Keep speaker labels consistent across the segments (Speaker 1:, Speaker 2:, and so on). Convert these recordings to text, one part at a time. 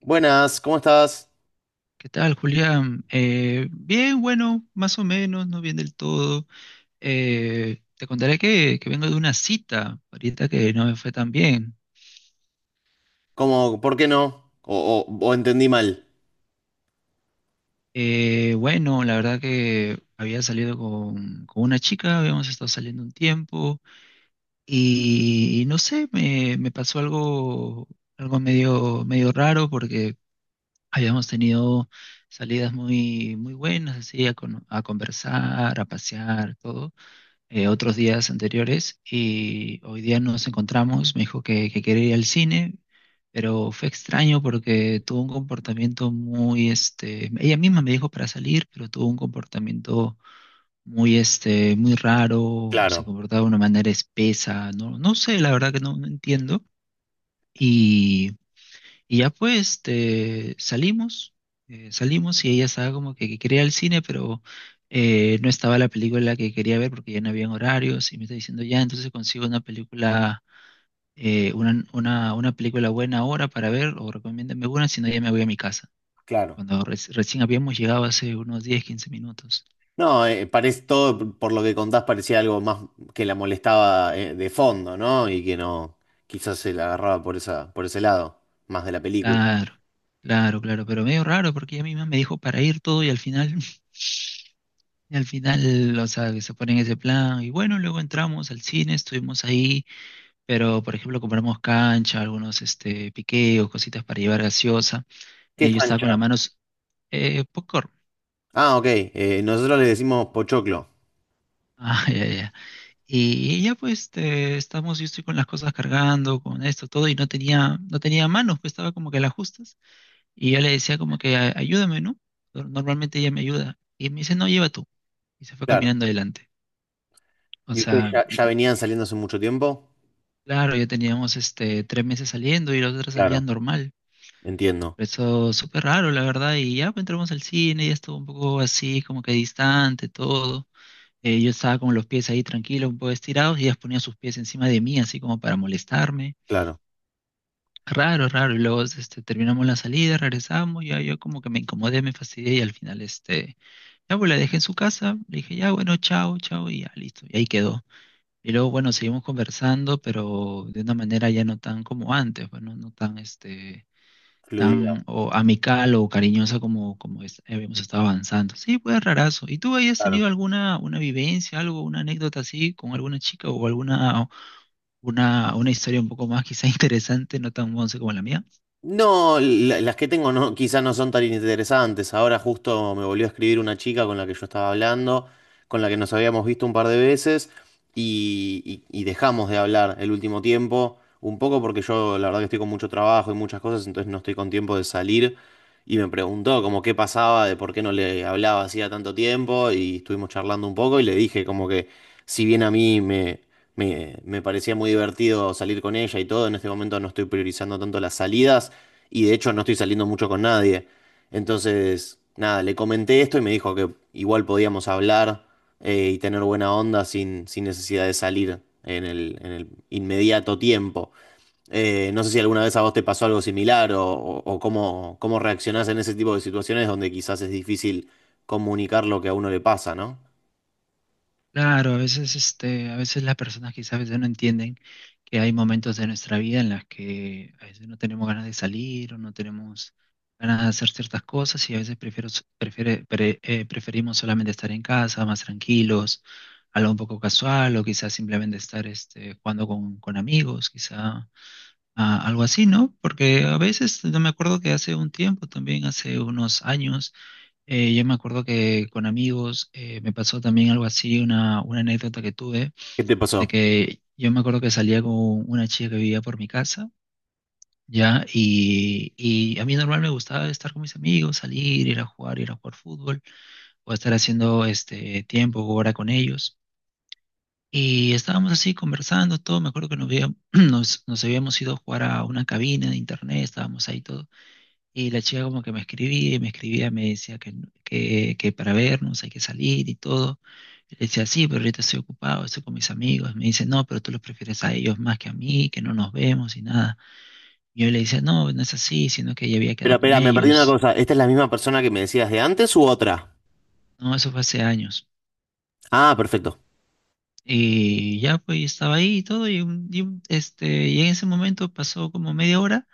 Speaker 1: Buenas, ¿cómo estás?
Speaker 2: ¿Qué tal, Julián? Bien, bueno, más o menos, no bien del todo. Te contaré que vengo de una cita, ahorita que no me fue tan bien.
Speaker 1: ¿Cómo, por qué no? O entendí mal.
Speaker 2: Bueno, la verdad que había salido con una chica, habíamos estado saliendo un tiempo y no sé, me pasó algo, algo medio, medio raro porque habíamos tenido salidas muy, muy buenas, así, a conversar, a pasear, todo. Otros días anteriores y hoy día nos encontramos, me dijo que quería ir al cine, pero fue extraño porque tuvo un comportamiento muy, este, ella misma me dijo para salir, pero tuvo un comportamiento muy, este, muy raro, se
Speaker 1: Claro,
Speaker 2: comportaba de una manera espesa, no, no sé, la verdad que no, no entiendo. Y y ya pues este, salimos, salimos y ella estaba como que quería ir al cine, pero no estaba la película que quería ver porque ya no habían horarios y me está diciendo, ya, entonces consigo una película, una película buena ahora para ver o recomiéndame una, si no ya me voy a mi casa.
Speaker 1: claro.
Speaker 2: Cuando recién habíamos llegado hace unos 10 15 minutos.
Speaker 1: No, parece todo, por lo que contás, parecía algo más que la molestaba de fondo, ¿no? Y que no, quizás se la agarraba por esa, por ese lado, más de la película.
Speaker 2: Claro, claro, claro, pero medio raro porque ella misma me dijo para ir todo y al final y al final, o sea, que se ponen ese plan y bueno, luego entramos al cine, estuvimos ahí, pero por ejemplo compramos cancha, algunos este, piqueos, cositas para llevar gaseosa.
Speaker 1: ¿Qué
Speaker 2: Eh,
Speaker 1: es
Speaker 2: yo estaba con las
Speaker 1: cancha?
Speaker 2: manos, popcorn.
Speaker 1: Ah, ok. Nosotros le decimos pochoclo.
Speaker 2: Ah, ya, ya. Y ya pues este, estamos, yo estoy con las cosas cargando, con esto, todo, y no tenía manos, pues estaba como que a las justas. Y yo le decía como que "Ayúdame, ¿no? Normalmente ella me ayuda." Y me dice, no, lleva tú. Y se fue
Speaker 1: Claro.
Speaker 2: caminando adelante. O
Speaker 1: ¿Y ustedes
Speaker 2: sea,
Speaker 1: ya venían saliendo hace mucho tiempo?
Speaker 2: claro, ya teníamos este 3 meses saliendo y los otros salían
Speaker 1: Claro,
Speaker 2: normal.
Speaker 1: entiendo.
Speaker 2: Eso súper raro, la verdad. Y ya pues, entramos al cine, ya estuvo un poco así, como que distante, todo. Yo estaba con los pies ahí tranquilos, un poco estirados, y ellas ponían sus pies encima de mí, así como para molestarme.
Speaker 1: Claro.
Speaker 2: Raro, raro. Y luego este, terminamos la salida, regresamos, ya yo como que me incomodé, me fastidié, y al final este, ya pues la dejé en su casa, le dije, ya bueno, chao, chao, y ya listo. Y ahí quedó. Y luego, bueno, seguimos conversando, pero de una manera ya no tan como antes, bueno, no tan, este,
Speaker 1: Fluida.
Speaker 2: tan o amical o cariñosa como habíamos estado avanzando. Sí, pues rarazo. ¿Y tú hayas tenido
Speaker 1: Claro.
Speaker 2: alguna una vivencia, algo, una anécdota así con alguna chica o alguna una historia un poco más quizá interesante, no tan once como la mía?
Speaker 1: No, las que tengo no, quizás no son tan interesantes. Ahora justo me volvió a escribir una chica con la que yo estaba hablando, con la que nos habíamos visto un par de veces y, y dejamos de hablar el último tiempo, un poco porque yo la verdad que estoy con mucho trabajo y muchas cosas, entonces no estoy con tiempo de salir y me preguntó como qué pasaba, de por qué no le hablaba hacía tanto tiempo y estuvimos charlando un poco y le dije como que si bien a mí me... Me parecía muy divertido salir con ella y todo. En este momento no estoy priorizando tanto las salidas. Y de hecho no estoy saliendo mucho con nadie. Entonces, nada, le comenté esto y me dijo que igual podíamos hablar y tener buena onda sin necesidad de salir en el inmediato tiempo. No sé si alguna vez a vos te pasó algo similar o cómo, cómo reaccionás en ese tipo de situaciones donde quizás es difícil comunicar lo que a uno le pasa, ¿no?
Speaker 2: Claro, a veces, este, a veces las personas quizás a veces no entienden que hay momentos de nuestra vida en las que a veces no tenemos ganas de salir o no tenemos ganas de hacer ciertas cosas y a veces prefiero, s- prefiere- pre- preferimos solamente estar en casa, más tranquilos, algo un poco casual o quizás simplemente estar este, jugando con amigos, quizá algo así, ¿no? Porque a veces, no me acuerdo que hace un tiempo, también hace unos años, yo me acuerdo que con amigos me pasó también algo así, una anécdota que tuve,
Speaker 1: ¿Qué te
Speaker 2: de
Speaker 1: pasó?
Speaker 2: que yo me acuerdo que salía con una chica que vivía por mi casa, ¿ya? Y a mí normal me gustaba estar con mis amigos, salir, ir a jugar fútbol, o estar haciendo este tiempo o hora con ellos. Y estábamos así conversando, todo, me acuerdo que nos habíamos ido a jugar a una cabina de internet, estábamos ahí todo. Y la chica como que me escribía y me escribía, me decía que para vernos hay que salir y todo. Y le decía, sí, pero ahorita estoy ocupado, estoy con mis amigos. Me dice, no, pero tú los prefieres a ellos más que a mí, que no nos vemos y nada. Y yo le decía, no, no es así, sino que ya había
Speaker 1: Espera,
Speaker 2: quedado con
Speaker 1: espera, me perdí una
Speaker 2: ellos.
Speaker 1: cosa. ¿Esta es la misma persona que me decías de antes u otra?
Speaker 2: No, eso fue hace años.
Speaker 1: Ah, perfecto.
Speaker 2: Y ya pues estaba ahí y todo, y en ese momento pasó como media hora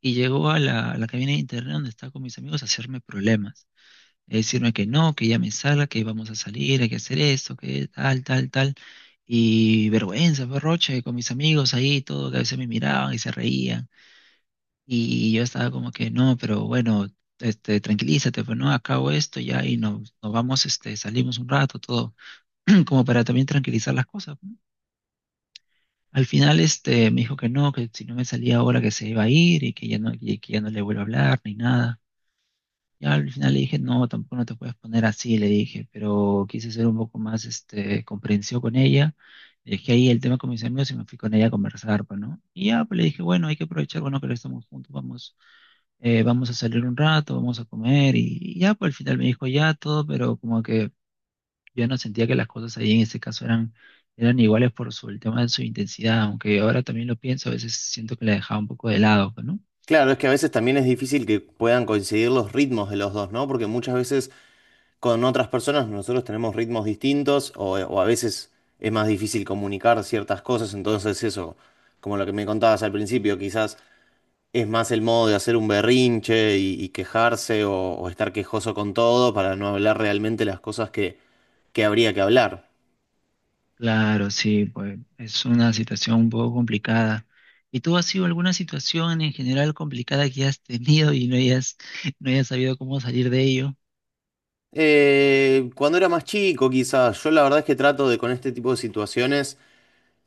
Speaker 2: y llegó a la cabina de internet donde estaba con mis amigos a hacerme problemas. Decirme que no, que ya me salga, que vamos a salir, hay que hacer esto, que tal, tal, tal. Y vergüenza, berroche, con mis amigos ahí, todo, que a veces me miraban y se reían. Y yo estaba como que, no, pero bueno, tranquilízate, pues no, acabo esto ya y nos vamos, salimos un rato, todo, como para también tranquilizar las cosas. ¿No? Al final, me dijo que no, que si no me salía ahora que se iba a ir y que ya no, y que ya no le vuelvo a hablar ni nada. Ya al final le dije, no, tampoco no te puedes poner así, le dije, pero quise ser un poco más comprensivo con ella. Le dije ahí el tema con mis amigos y me fui con ella a conversar, pues, ¿no? Y ya, pues le dije, bueno, hay que aprovechar, bueno, que ahora estamos juntos, vamos, vamos a salir un rato, vamos a comer. Y ya, pues al final me dijo ya todo, pero como que yo no sentía que las cosas ahí en ese caso eran iguales por su, el tema de su intensidad, aunque ahora también lo pienso, a veces siento que la dejaba un poco de lado, pues, ¿no?
Speaker 1: Claro, es que a veces también es difícil que puedan coincidir los ritmos de los dos, ¿no? Porque muchas veces con otras personas nosotros tenemos ritmos distintos o a veces es más difícil comunicar ciertas cosas, entonces eso, como lo que me contabas al principio, quizás es más el modo de hacer un berrinche y quejarse o estar quejoso con todo para no hablar realmente las cosas que habría que hablar.
Speaker 2: Claro, sí, pues es una situación un poco complicada. ¿Y tú has sido alguna situación en general complicada que has tenido y no hayas, no hayas sabido cómo salir de ello?
Speaker 1: Cuando era más chico, quizás, yo la verdad es que trato de con este tipo de situaciones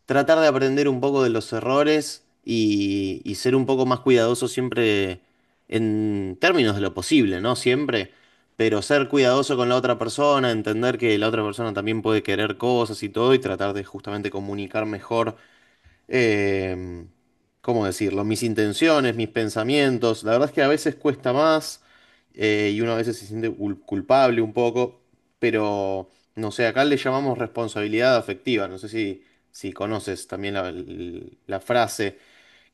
Speaker 1: tratar de aprender un poco de los errores y ser un poco más cuidadoso siempre en términos de lo posible, ¿no? Siempre, pero ser cuidadoso con la otra persona, entender que la otra persona también puede querer cosas y todo y tratar de justamente comunicar mejor eh, ¿cómo decirlo? Mis intenciones, mis pensamientos. La verdad es que a veces cuesta más y uno a veces se siente culpable un poco, pero no sé, acá le llamamos responsabilidad afectiva. No sé si, si conoces también la frase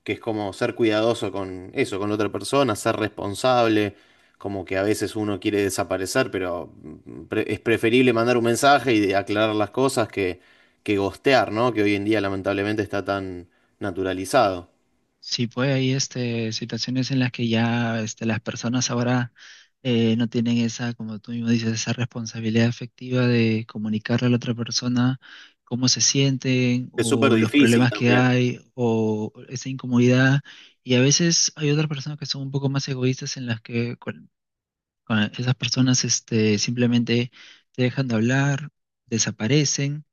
Speaker 1: que es como ser cuidadoso con eso, con la otra persona, ser responsable, como que a veces uno quiere desaparecer, pero es preferible mandar un mensaje y de aclarar las cosas que ghostear, ¿no? Que hoy en día lamentablemente está tan naturalizado.
Speaker 2: Sí, pues hay situaciones en las que ya las personas ahora no tienen esa, como tú mismo dices, esa responsabilidad afectiva de comunicarle a la otra persona cómo se sienten
Speaker 1: Es súper
Speaker 2: o los
Speaker 1: difícil
Speaker 2: problemas que
Speaker 1: también.
Speaker 2: hay o esa incomodidad. Y a veces hay otras personas que son un poco más egoístas en las que, cuando esas personas simplemente te dejan de hablar, desaparecen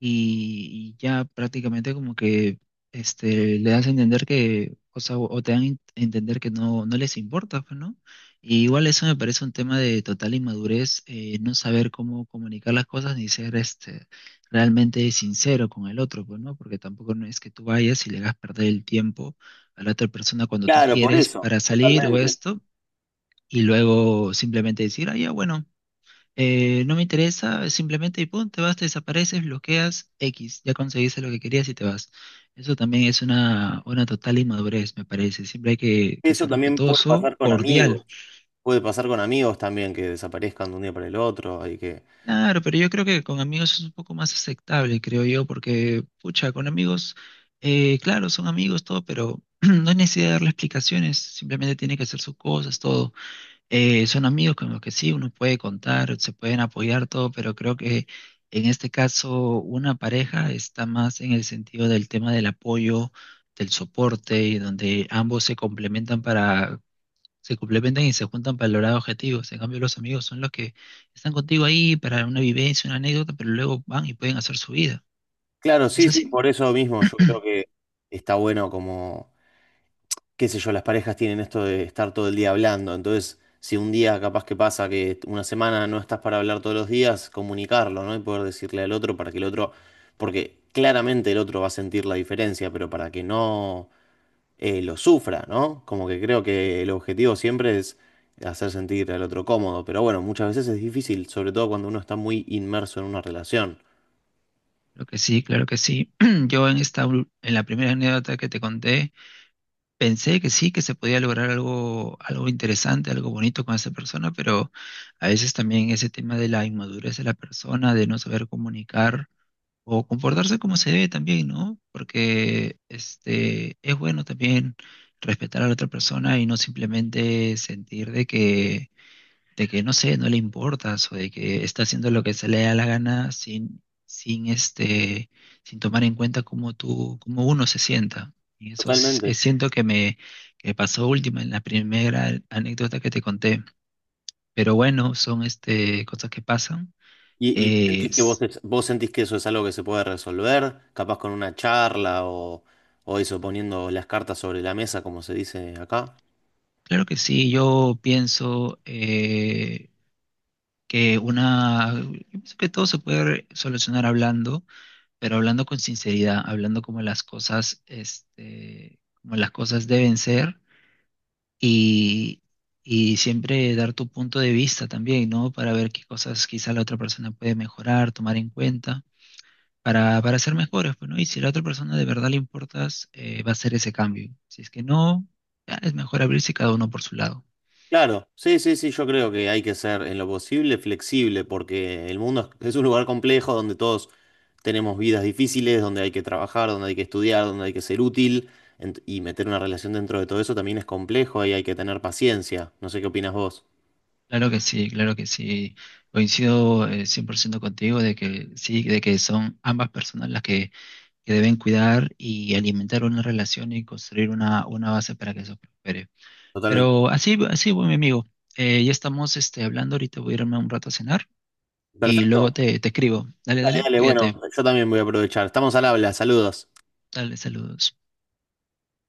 Speaker 2: y ya prácticamente como que le das a entender que, o sea, o te dan a entender que no, no les importa, pues, ¿no? Y igual eso me parece un tema de total inmadurez, no saber cómo comunicar las cosas ni ser realmente sincero con el otro, pues, ¿no? Porque tampoco no es que tú vayas y le hagas perder el tiempo a la otra persona cuando tú
Speaker 1: Claro, por
Speaker 2: quieres
Speaker 1: eso,
Speaker 2: para salir o
Speaker 1: totalmente.
Speaker 2: esto y luego simplemente decir, ah, ya, bueno, no me interesa, simplemente y pum, te vas, te desapareces, bloqueas X, ya conseguiste lo que querías y te vas. Eso también es una total inmadurez, me parece. Siempre hay que
Speaker 1: Eso
Speaker 2: ser
Speaker 1: también puede
Speaker 2: respetuoso,
Speaker 1: pasar con amigos.
Speaker 2: cordial.
Speaker 1: Puede pasar con amigos también que desaparezcan de un día para el otro. Y que...
Speaker 2: Claro, pero yo creo que con amigos es un poco más aceptable, creo yo, porque, pucha, con amigos, claro, son amigos, todo, pero no hay necesidad de darle explicaciones, simplemente tiene que hacer sus cosas, todo. Son amigos con los que sí, uno puede contar, se pueden apoyar todo, pero creo que en este caso una pareja está más en el sentido del tema del apoyo, del soporte, y donde ambos se complementan para, se complementan y se juntan para lograr objetivos. En cambio, los amigos son los que están contigo ahí para una vivencia, una anécdota, pero luego van y pueden hacer su vida.
Speaker 1: Claro, sí,
Speaker 2: ¿Es
Speaker 1: sí,
Speaker 2: así?
Speaker 1: por eso mismo yo creo que está bueno como qué sé yo, las parejas tienen esto de estar todo el día hablando, entonces si un día capaz que pasa que una semana no estás para hablar todos los días, comunicarlo, ¿no? Y poder decirle al otro para que el otro, porque claramente el otro va a sentir la diferencia, pero para que no lo sufra, ¿no? Como que creo que el objetivo siempre es hacer sentir al otro cómodo, pero bueno, muchas veces es difícil, sobre todo cuando uno está muy inmerso en una relación.
Speaker 2: Creo que sí, claro que sí. Yo en esta, en la primera anécdota que te conté, pensé que sí, que se podía lograr algo, algo interesante, algo bonito con esa persona, pero a veces también ese tema de la inmadurez de la persona, de no saber comunicar o comportarse como se debe también, ¿no? Porque es bueno también respetar a la otra persona y no simplemente sentir de que no sé, no le importas o de que está haciendo lo que se le da la gana sin, sin sin tomar en cuenta cómo tú, cómo uno se sienta. Y eso
Speaker 1: Totalmente.
Speaker 2: siento que me que pasó última en la primera anécdota que te conté. Pero bueno, son cosas que pasan.
Speaker 1: Y
Speaker 2: Eh,
Speaker 1: sentís que vos,
Speaker 2: s-
Speaker 1: vos sentís que eso es algo que se puede resolver, capaz con una charla o eso, poniendo las cartas sobre la mesa, como se dice acá?
Speaker 2: claro que sí, yo pienso yo pienso que todo se puede solucionar hablando pero hablando con sinceridad, hablando como las cosas, como las cosas deben ser y, y siempre dar tu punto de vista también, ¿no? Para ver qué cosas quizá la otra persona puede mejorar, tomar en cuenta, para ser mejores, pues, ¿no? Y si a la otra persona de verdad le importas, va a hacer ese cambio. Si es que no, ya es mejor abrirse cada uno por su lado.
Speaker 1: Claro, sí, sí, sí, yo creo que hay que ser en lo posible flexible, porque el mundo es un lugar complejo donde todos tenemos vidas difíciles, donde hay que trabajar, donde hay que estudiar, donde hay que ser útil, y meter una relación dentro de todo eso también es complejo y hay que tener paciencia. No sé qué opinas vos.
Speaker 2: Claro que sí, claro que sí. Coincido 100% contigo de que sí, de que son ambas personas las que deben cuidar y alimentar una relación y construir una base para que eso prospere.
Speaker 1: Totalmente.
Speaker 2: Pero así, así, bueno, mi amigo, ya estamos hablando, ahorita voy a irme un rato a cenar y
Speaker 1: Perfecto.
Speaker 2: luego te escribo. Dale,
Speaker 1: Dale,
Speaker 2: dale,
Speaker 1: dale,
Speaker 2: cuídate,
Speaker 1: bueno, yo también voy a aprovechar. Estamos al habla, saludos.
Speaker 2: dale, saludos.